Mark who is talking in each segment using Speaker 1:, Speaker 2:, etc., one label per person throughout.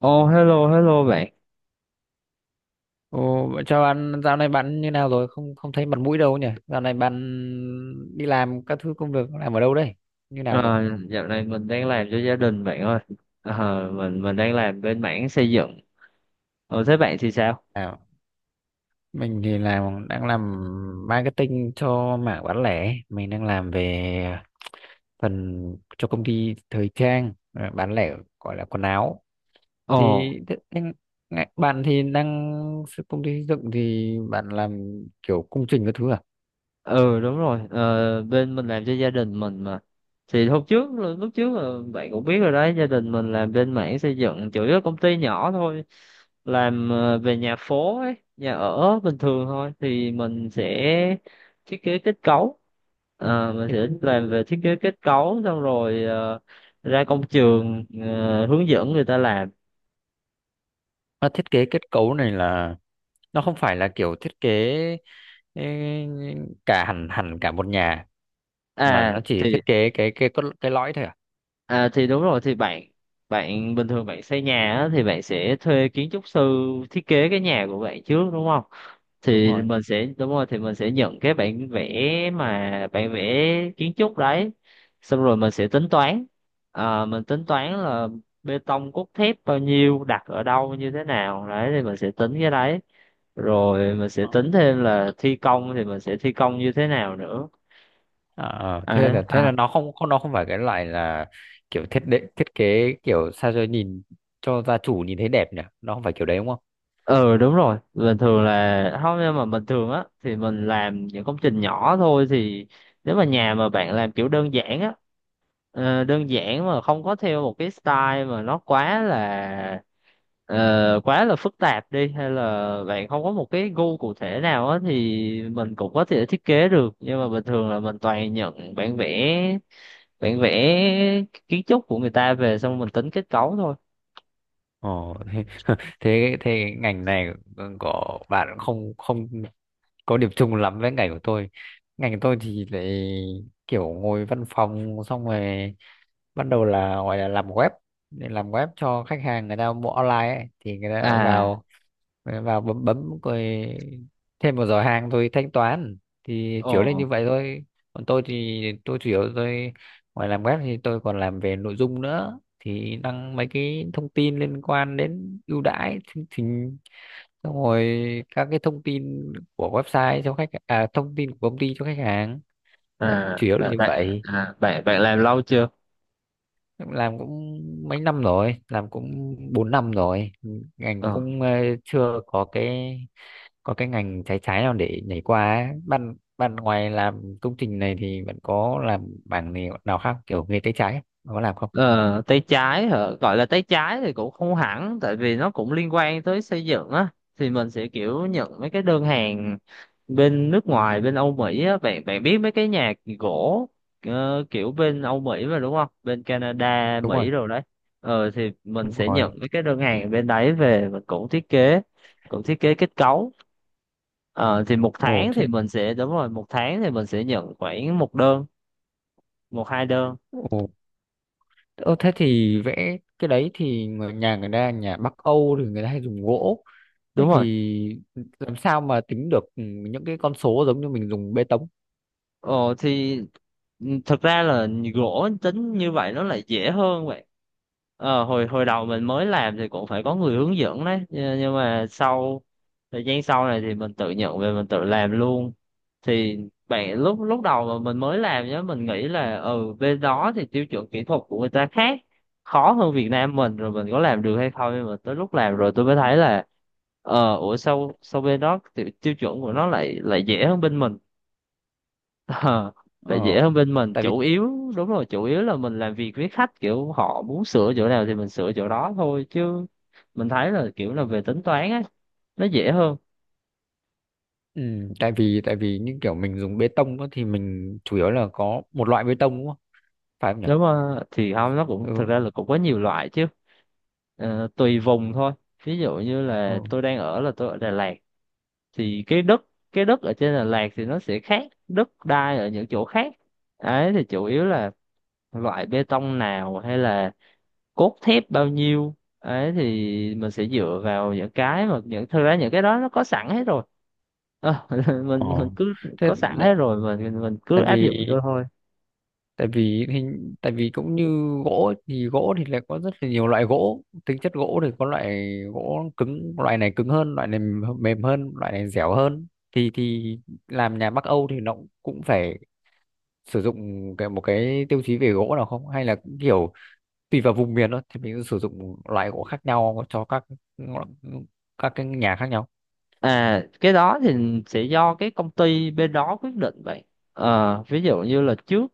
Speaker 1: Oh, hello hello bạn.
Speaker 2: Ồ, vậy chào bạn, dạo này bạn như nào rồi? Không không thấy mặt mũi đâu nhỉ? Dạo này bạn đi làm các thứ công việc làm ở đâu đây? Như nào rồi?
Speaker 1: À, dạo này mình đang làm cho gia đình, bạn ơi. À, mình đang làm bên mảng xây dựng. Ồ, thế bạn thì sao?
Speaker 2: À, mình thì đang làm marketing cho mảng bán lẻ, mình đang làm về phần cho công ty thời trang à, bán lẻ gọi là quần áo.
Speaker 1: Ồ.
Speaker 2: Thì thế- anh- ngại- Bạn thì đang công ty xây dựng thì bạn làm kiểu công trình các thứ à?
Speaker 1: Ừ, đúng rồi. Ờ, Bên mình làm cho gia đình mình mà, thì hôm trước lúc trước là bạn cũng biết rồi đấy, gia đình mình làm bên mảng xây dựng, chủ yếu là công ty nhỏ thôi, làm về nhà phố ấy, nhà ở bình thường thôi, thì mình sẽ thiết kế kết cấu. Mình sẽ làm về thiết kế kết cấu xong rồi ra công trường, hướng dẫn người ta làm.
Speaker 2: Nó thiết kế kết cấu này là nó không phải là kiểu thiết kế ê, cả hẳn hẳn cả một nhà mà
Speaker 1: à
Speaker 2: nó chỉ
Speaker 1: thì
Speaker 2: thiết kế cái lõi thôi à?
Speaker 1: À, thì đúng rồi thì bạn bạn bình thường bạn xây nhà á, thì bạn sẽ thuê kiến trúc sư thiết kế cái nhà của bạn trước, đúng không?
Speaker 2: Đúng
Speaker 1: Thì
Speaker 2: rồi.
Speaker 1: mình sẽ, đúng rồi, thì mình sẽ nhận cái bản vẽ, mà bản vẽ kiến trúc đấy. Xong rồi mình sẽ tính toán. À, mình tính toán là bê tông cốt thép bao nhiêu, đặt ở đâu, như thế nào đấy thì mình sẽ tính cái đấy. Rồi mình sẽ
Speaker 2: Ờ,
Speaker 1: tính thêm là thi công thì mình sẽ thi công như thế nào nữa.
Speaker 2: Thế
Speaker 1: Đấy.
Speaker 2: là thế
Speaker 1: À.
Speaker 2: là nó không không nó không phải cái loại là kiểu thiết kế kiểu sao cho nhìn cho gia chủ nhìn thấy đẹp nhỉ? Nó không phải kiểu đấy đúng không?
Speaker 1: Ừ, đúng rồi, bình thường là không, nhưng mà bình thường á thì mình làm những công trình nhỏ thôi. Thì nếu mà nhà mà bạn làm kiểu đơn giản á, đơn giản mà không có theo một cái style mà nó quá là quá là phức tạp đi, hay là bạn không có một cái gu cụ thể nào á thì mình cũng có thể thiết kế được, nhưng mà bình thường là mình toàn nhận bản vẽ kiến trúc của người ta về, xong mình tính kết cấu thôi.
Speaker 2: Ồ, thế, thế thế ngành này của bạn không không có điểm chung lắm với ngành của tôi. Ngành của tôi thì lại kiểu ngồi văn phòng xong rồi bắt đầu là gọi là làm web, để làm web cho khách hàng người ta mua online ấy. Thì người ta
Speaker 1: À.
Speaker 2: vào vào bấm bấm rồi thêm một giỏ hàng thôi thanh toán, thì chủ yếu là
Speaker 1: Ồ.
Speaker 2: như vậy thôi. Còn tôi thì tôi chủ yếu tôi ngoài làm web thì tôi còn làm về nội dung nữa, thì đăng mấy cái thông tin liên quan đến ưu đãi chương trình xong rồi các cái thông tin của website cho khách, à thông tin của công ty cho khách hàng. Đấy
Speaker 1: à
Speaker 2: chủ yếu là
Speaker 1: bạn
Speaker 2: như
Speaker 1: bạn
Speaker 2: vậy.
Speaker 1: à, bạn bạn làm lâu chưa?
Speaker 2: Làm cũng mấy năm rồi, làm cũng 4 năm rồi. Ngành
Speaker 1: ờ,
Speaker 2: cũng chưa có cái có cái ngành trái trái nào để nhảy qua ấy. Ban ban ngoài làm công trình này thì bạn có làm bảng này nào khác kiểu nghề tay trái ấy? Bạn có làm không?
Speaker 1: ờ, Tay trái hả? Gọi là tay trái thì cũng không hẳn, tại vì nó cũng liên quan tới xây dựng á, thì mình sẽ kiểu nhận mấy cái đơn hàng bên nước ngoài, bên Âu Mỹ á, bạn bạn biết mấy cái nhà gỗ, kiểu bên Âu Mỹ mà, đúng không, bên Canada,
Speaker 2: đúng rồi
Speaker 1: Mỹ rồi đấy. Thì mình
Speaker 2: đúng
Speaker 1: sẽ
Speaker 2: rồi
Speaker 1: nhận mấy cái đơn hàng bên đấy về, mình cũng thiết kế kết cấu. Ờ, thì một
Speaker 2: Ồ
Speaker 1: tháng thì
Speaker 2: thế.
Speaker 1: mình sẽ, đúng rồi, một tháng thì mình sẽ nhận khoảng một đơn, một hai đơn.
Speaker 2: Ồ. Ơ, thế thì vẽ cái đấy thì người nhà người ta nhà Bắc Âu thì người ta hay dùng gỗ. Thế
Speaker 1: Đúng rồi.
Speaker 2: thì làm sao mà tính được những cái con số giống như mình dùng bê tông?
Speaker 1: Ồ. Ừ, thật ra là gỗ tính như vậy nó lại dễ hơn vậy. Hồi hồi đầu mình mới làm thì cũng phải có người hướng dẫn đấy, nhưng mà sau thời gian sau này thì mình tự nhận về, mình tự làm luôn. Thì bạn, lúc lúc đầu mà mình mới làm nhá, mình nghĩ là ừ, bên đó thì tiêu chuẩn kỹ thuật của người ta khác, khó hơn Việt Nam mình, rồi mình có làm được hay không. Nhưng mà tới lúc làm rồi tôi mới thấy là ủa, sao sao bên đó tiêu chuẩn của nó lại lại dễ hơn bên mình. Ờ, Tại
Speaker 2: ờ
Speaker 1: dễ hơn bên mình,
Speaker 2: tại vì
Speaker 1: chủ yếu, đúng rồi, chủ yếu là mình làm việc với khách kiểu họ muốn sửa chỗ nào thì mình sửa chỗ đó thôi chứ. Mình thấy là kiểu là về tính toán á, nó dễ hơn.
Speaker 2: ừ, tại vì những kiểu mình dùng bê tông á thì mình chủ yếu là có một loại bê tông đúng không? Phải không nhỉ?
Speaker 1: Nếu mà thì không, nó cũng thực
Speaker 2: Ừ.
Speaker 1: ra là cũng có nhiều loại chứ. Tùy vùng thôi, ví dụ như
Speaker 2: Ờ.
Speaker 1: là tôi đang ở là tôi ở Đà Lạt. Thì cái đất ở trên Đà Lạt thì nó sẽ khác đất đai ở những chỗ khác, ấy thì chủ yếu là loại bê tông nào hay là cốt thép bao nhiêu ấy thì mình sẽ dựa vào những cái mà những, thực ra những cái đó nó có sẵn hết rồi. Ờ,
Speaker 2: ờ
Speaker 1: mình cứ
Speaker 2: thế
Speaker 1: có sẵn
Speaker 2: lại-
Speaker 1: hết rồi, mình cứ
Speaker 2: Tại
Speaker 1: áp
Speaker 2: vì
Speaker 1: dụng vô thôi.
Speaker 2: tại vì hình tại vì cũng như gỗ ấy, thì gỗ thì lại có rất là nhiều loại gỗ, tính chất gỗ thì có loại gỗ cứng, loại này cứng hơn loại này, mềm hơn, loại này dẻo hơn, thì làm nhà Bắc Âu thì nó cũng phải sử dụng cái một cái tiêu chí về gỗ nào không, hay là cũng kiểu tùy vào vùng miền thôi thì mình sẽ sử dụng loại gỗ khác nhau cho các cái nhà khác nhau?
Speaker 1: À, cái đó thì sẽ do cái công ty bên đó quyết định vậy. Ví dụ như là trước,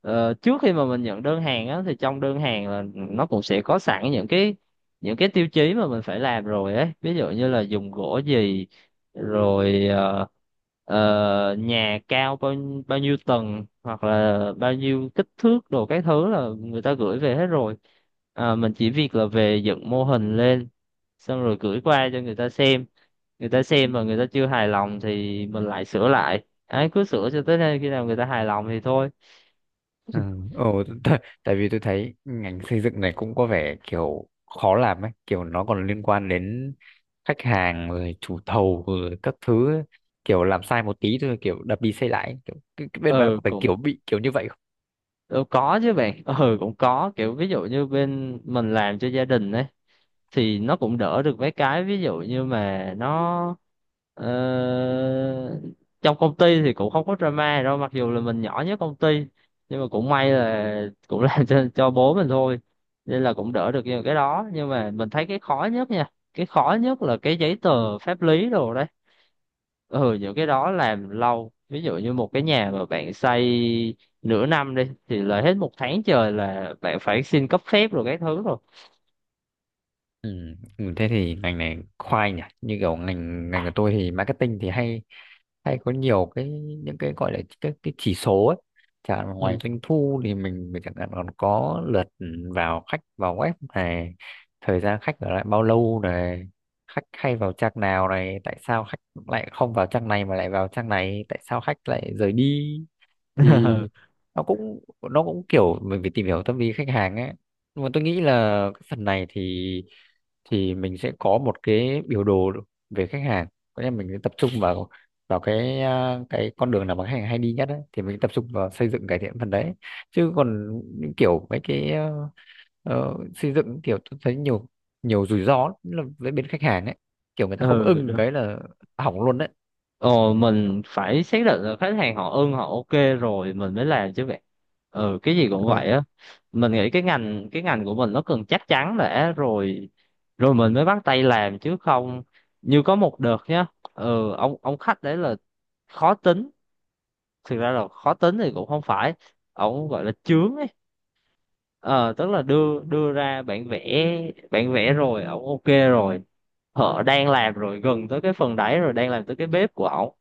Speaker 1: Trước khi mà mình nhận đơn hàng á, thì trong đơn hàng là nó cũng sẽ có sẵn những cái tiêu chí mà mình phải làm rồi ấy, ví dụ như là dùng gỗ gì, rồi nhà cao bao bao nhiêu tầng, hoặc là bao nhiêu kích thước đồ các thứ là người ta gửi về hết rồi. À, mình chỉ việc là về dựng mô hình lên, xong rồi gửi qua cho người ta xem. Người ta xem mà người ta chưa hài lòng thì mình lại sửa lại ấy, cứ sửa cho tới nơi, khi nào người ta hài lòng thì thôi.
Speaker 2: Ừ. Ừ. Tại vì tôi thấy ngành xây dựng này cũng có vẻ kiểu khó làm ấy, kiểu nó còn liên quan đến khách hàng rồi chủ thầu rồi các thứ ấy. Kiểu làm sai một tí thôi kiểu đập đi xây lại ấy. Kiểu cái bên bạn
Speaker 1: Ừ
Speaker 2: có phải
Speaker 1: cũng
Speaker 2: kiểu bị kiểu như vậy?
Speaker 1: Ừ, có chứ bạn. Ừ, cũng có kiểu, ví dụ như bên mình làm cho gia đình ấy, thì nó cũng đỡ được mấy cái. Ví dụ như mà nó ờ, trong công ty thì cũng không có drama đâu, mặc dù là mình nhỏ nhất công ty, nhưng mà cũng may là cũng làm cho bố mình thôi, nên là cũng đỡ được những cái đó. Nhưng mà mình thấy cái khó nhất là cái giấy tờ pháp lý đồ đó. Ừ, những cái đó làm lâu. Ví dụ như một cái nhà mà bạn xây nửa năm đi thì là hết một tháng trời là bạn phải xin cấp phép rồi các thứ rồi.
Speaker 2: Ừ. Ừ, thế thì ngành này khoai nhỉ, như kiểu ngành ngành của tôi thì marketing thì hay hay có nhiều cái những cái gọi là cái chỉ số ấy, chẳng hạn ngoài
Speaker 1: Ừ.
Speaker 2: doanh thu thì mình chẳng hạn còn có lượt vào khách vào web này, thời gian khách ở lại bao lâu này, khách hay vào trang nào này, tại sao khách lại không vào trang này mà lại vào trang này, tại sao khách lại rời đi, thì nó cũng nó cũng kiểu mình phải tìm hiểu tâm lý khách hàng ấy. Nhưng mà tôi nghĩ là cái phần này thì mình sẽ có một cái biểu đồ về khách hàng, có nghĩa là mình sẽ tập trung vào vào cái cái con đường nào mà khách hàng hay đi nhất ấy, thì mình tập trung vào xây dựng cải thiện phần đấy. Chứ còn những kiểu mấy cái xây dựng kiểu tôi thấy nhiều nhiều rủi ro lắm, là với bên khách hàng ấy, kiểu người ta không
Speaker 1: Ừ,
Speaker 2: ưng
Speaker 1: đúng.
Speaker 2: cái là hỏng luôn đấy.
Speaker 1: Ờ, mình phải xác định là khách hàng họ ưng, họ ok rồi mình mới làm chứ bạn. Ừ, cái gì cũng
Speaker 2: Ờ,
Speaker 1: vậy á, mình nghĩ cái ngành của mình nó cần chắc chắn đã rồi, rồi mình mới bắt tay làm chứ không. Như có một đợt nhá, ừ, ông khách đấy là khó tính. Thực ra là khó tính thì cũng không phải, ổng gọi là chướng ấy. Ờ Tức là đưa đưa ra bản vẽ rồi ổng ok rồi, họ đang làm rồi, gần tới cái phần đáy rồi, đang làm tới cái bếp của ổng,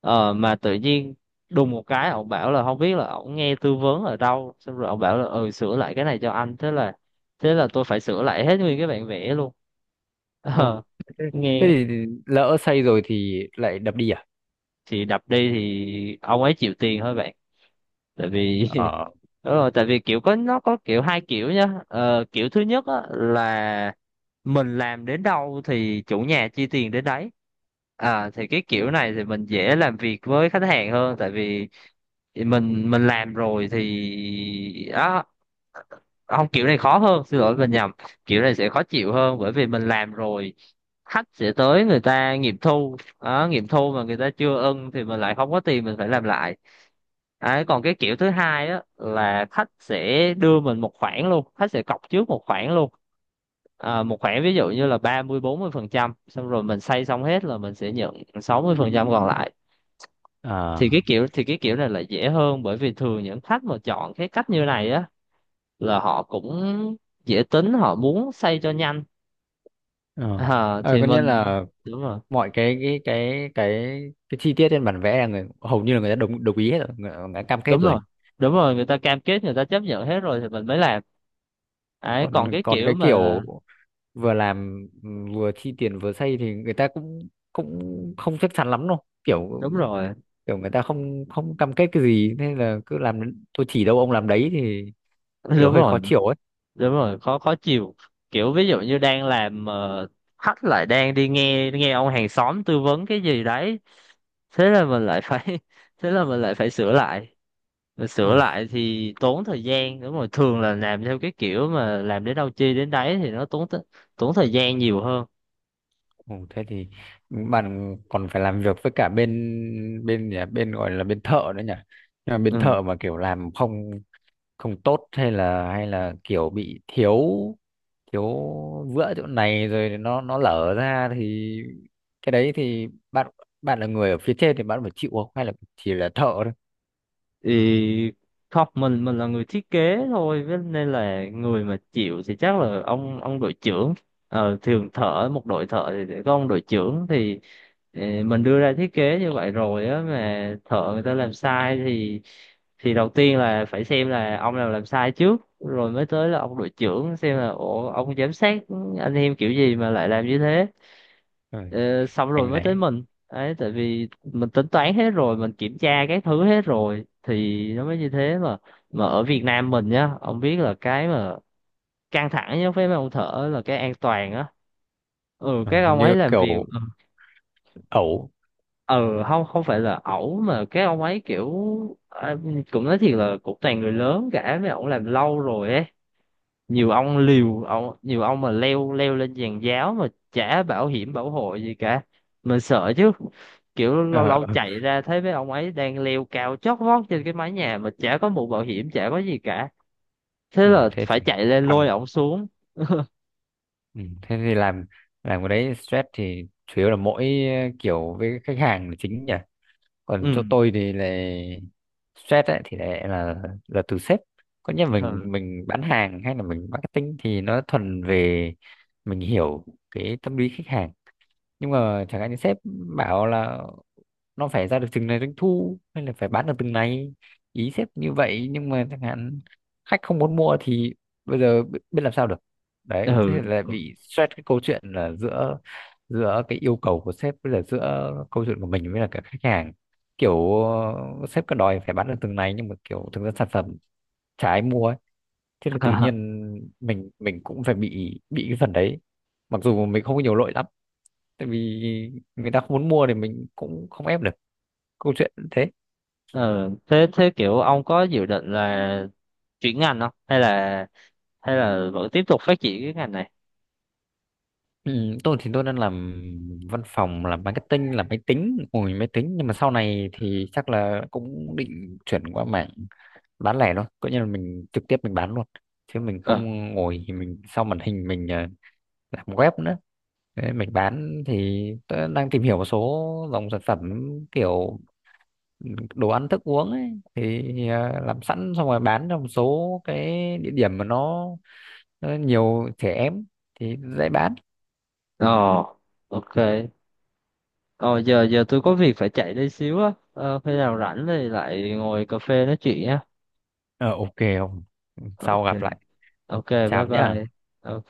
Speaker 1: mà tự nhiên đùng một cái, ổng bảo là không biết là ổng nghe tư vấn ở đâu, xong rồi ổng bảo là ừ, sửa lại cái này cho anh, thế là tôi phải sửa lại hết nguyên cái bản vẽ luôn.
Speaker 2: Ồ,
Speaker 1: Ờ
Speaker 2: thế thế
Speaker 1: nghe
Speaker 2: thì lỡ xây rồi thì lại đập đi à?
Speaker 1: Thì đập đi thì ông ấy chịu tiền thôi bạn, tại vì
Speaker 2: Ờ.
Speaker 1: Đúng rồi, tại vì kiểu có, nó có kiểu hai kiểu nhá. Ờ, Kiểu thứ nhất á, là mình làm đến đâu thì chủ nhà chi tiền đến đấy. À, thì cái
Speaker 2: Ờ.
Speaker 1: kiểu này thì mình dễ làm việc với khách hàng hơn, tại vì mình làm rồi thì đó, không, kiểu này khó hơn, xin lỗi mình nhầm. Kiểu này sẽ khó chịu hơn, bởi vì mình làm rồi khách sẽ tới, người ta nghiệm thu, đó, nghiệm thu mà người ta chưa ưng thì mình lại không có tiền, mình phải làm lại. Đấy còn cái kiểu thứ hai á là khách sẽ đưa mình một khoản luôn, khách sẽ cọc trước một khoản luôn. À, một khoản ví dụ như là 30-40%, xong rồi mình xây xong hết là mình sẽ nhận 60% còn lại. thì cái
Speaker 2: À,
Speaker 1: kiểu thì cái kiểu này là dễ hơn, bởi vì thường những khách mà chọn cái cách như này á là họ cũng dễ tính, họ muốn xây cho nhanh.
Speaker 2: ờ.
Speaker 1: À, thì
Speaker 2: Có nghĩa
Speaker 1: mình.
Speaker 2: là
Speaker 1: Đúng rồi,
Speaker 2: mọi cái cái chi tiết trên bản vẽ là người hầu như là người ta đồng đồng ý hết rồi, người ta cam kết
Speaker 1: đúng
Speaker 2: rồi.
Speaker 1: rồi, đúng rồi, người ta cam kết, người ta chấp nhận hết rồi thì mình mới làm ấy.
Speaker 2: Còn
Speaker 1: Còn cái
Speaker 2: còn
Speaker 1: kiểu
Speaker 2: cái
Speaker 1: mà,
Speaker 2: kiểu vừa làm vừa chi tiền vừa xây thì người ta cũng cũng không chắc chắn lắm đâu. Kiểu
Speaker 1: đúng rồi.
Speaker 2: kiểu người ta không không cam kết cái gì nên là cứ làm, tôi chỉ đâu ông làm đấy thì kiểu
Speaker 1: Đúng
Speaker 2: hơi khó
Speaker 1: rồi.
Speaker 2: chịu ấy.
Speaker 1: Đúng rồi, khó khó chịu. Kiểu ví dụ như đang làm mà khách lại đang đi nghe nghe ông hàng xóm tư vấn cái gì đấy, thế là mình lại phải thế là mình lại phải sửa lại. Rồi sửa
Speaker 2: Ôi.
Speaker 1: lại thì tốn thời gian, đúng rồi, thường là làm theo cái kiểu mà làm đến đâu chi đến đấy thì nó tốn thời gian nhiều hơn.
Speaker 2: Ồ, thế thì bạn còn phải làm việc với cả bên bên nhỉ bên gọi là bên thợ nữa nhỉ. Nhưng mà bên
Speaker 1: Ừ,
Speaker 2: thợ mà kiểu làm không không tốt, hay là kiểu bị thiếu thiếu vữa chỗ này rồi nó lở ra thì cái đấy thì bạn bạn là người ở phía trên thì bạn phải chịu không, hay là chỉ là thợ thôi?
Speaker 1: thì không, mình là người thiết kế thôi nên là người mà chịu thì chắc là ông đội trưởng. Thường thợ một đội thợ thì sẽ có ông đội trưởng thì mình đưa ra thiết kế như vậy rồi á, mà thợ người ta làm sai thì đầu tiên là phải xem là ông nào làm sai trước, rồi mới tới là ông đội trưởng, xem là ủa ông giám sát anh em kiểu gì mà lại làm như thế.
Speaker 2: Ừ,
Speaker 1: Ờ, Xong rồi
Speaker 2: anh
Speaker 1: mới tới
Speaker 2: này.
Speaker 1: mình, đấy tại vì mình tính toán hết rồi, mình kiểm tra cái thứ hết rồi thì nó mới như thế mà. Mà ở Việt Nam mình nhá, ông biết là cái mà căng thẳng nhất với mấy ông thợ là cái an toàn á. Ừ,
Speaker 2: Ờ,
Speaker 1: các
Speaker 2: Hình
Speaker 1: ông
Speaker 2: như
Speaker 1: ấy làm việc.
Speaker 2: kiểu
Speaker 1: Ừ,
Speaker 2: ẩu.
Speaker 1: ừ, không, không phải là ẩu mà cái ông ấy kiểu, à, cũng nói thiệt là cũng toàn người lớn cả, mấy ông làm lâu rồi ấy. Nhiều ông liều, ông, nhiều ông mà leo leo lên giàn giáo mà chả bảo hiểm bảo hộ gì cả, mình sợ chứ. Kiểu lâu
Speaker 2: Ờ,
Speaker 1: lâu chạy ra thấy mấy ông ấy đang leo cao chót vót trên cái mái nhà mà chả có mũ bảo hiểm, chả có gì cả, thế
Speaker 2: ừ,
Speaker 1: là
Speaker 2: thế
Speaker 1: phải
Speaker 2: thì
Speaker 1: chạy lên lôi
Speaker 2: căng.
Speaker 1: ổng xuống.
Speaker 2: Ừ, thế thì làm cái đấy stress thì chủ yếu là mỗi kiểu với khách hàng là chính nhỉ.
Speaker 1: Ừ.
Speaker 2: Còn chỗ tôi thì là stress ấy, thì lại là từ sếp, có nghĩa
Speaker 1: Ừ.
Speaker 2: mình bán hàng hay là mình marketing thì nó thuần về mình hiểu cái tâm lý khách hàng. Nhưng mà chẳng hạn như sếp bảo là nó phải ra được từng này doanh thu, hay là phải bán được từng này, ý sếp như vậy, nhưng mà chẳng hạn khách không muốn mua thì bây giờ biết làm sao được. Đấy thế
Speaker 1: Ừ.
Speaker 2: là bị stress cái câu chuyện là giữa giữa cái yêu cầu của sếp với là giữa câu chuyện của mình với là cả khách hàng. Kiểu sếp cứ đòi phải bán được từng này nhưng mà kiểu thực ra sản phẩm chả ai mua ấy. Thế là tự nhiên mình cũng phải bị cái phần đấy, mặc dù mình không có nhiều lỗi lắm, tại vì người ta không muốn mua thì mình cũng không ép được. Câu chuyện thế.
Speaker 1: Ừ, thế thế kiểu ông có dự định là chuyển ngành không, hay là vẫn tiếp tục phát triển cái ngành này?
Speaker 2: Ừ, tôi thì tôi đang làm văn phòng, làm marketing, làm máy tính, ngồi máy tính, nhưng mà sau này thì chắc là cũng định chuyển qua mảng bán lẻ thôi, coi như là mình trực tiếp mình bán luôn, chứ mình
Speaker 1: ờ
Speaker 2: không ngồi thì mình sau màn hình mình làm web nữa. Đấy, mình bán thì tôi đang tìm hiểu một số dòng sản phẩm kiểu đồ ăn thức uống ấy, thì làm sẵn xong rồi bán trong một số cái địa điểm mà nó nhiều trẻ em thì dễ bán.
Speaker 1: ờ ok. Ờ giờ giờ tôi có việc phải chạy đây xíu á. Ờ, Khi nào rảnh thì lại ngồi cà phê nói chuyện nhé.
Speaker 2: Ờ, ok. Sau
Speaker 1: Ok.
Speaker 2: gặp lại.
Speaker 1: Ok, bye
Speaker 2: Chào nhé.
Speaker 1: bye. Ok.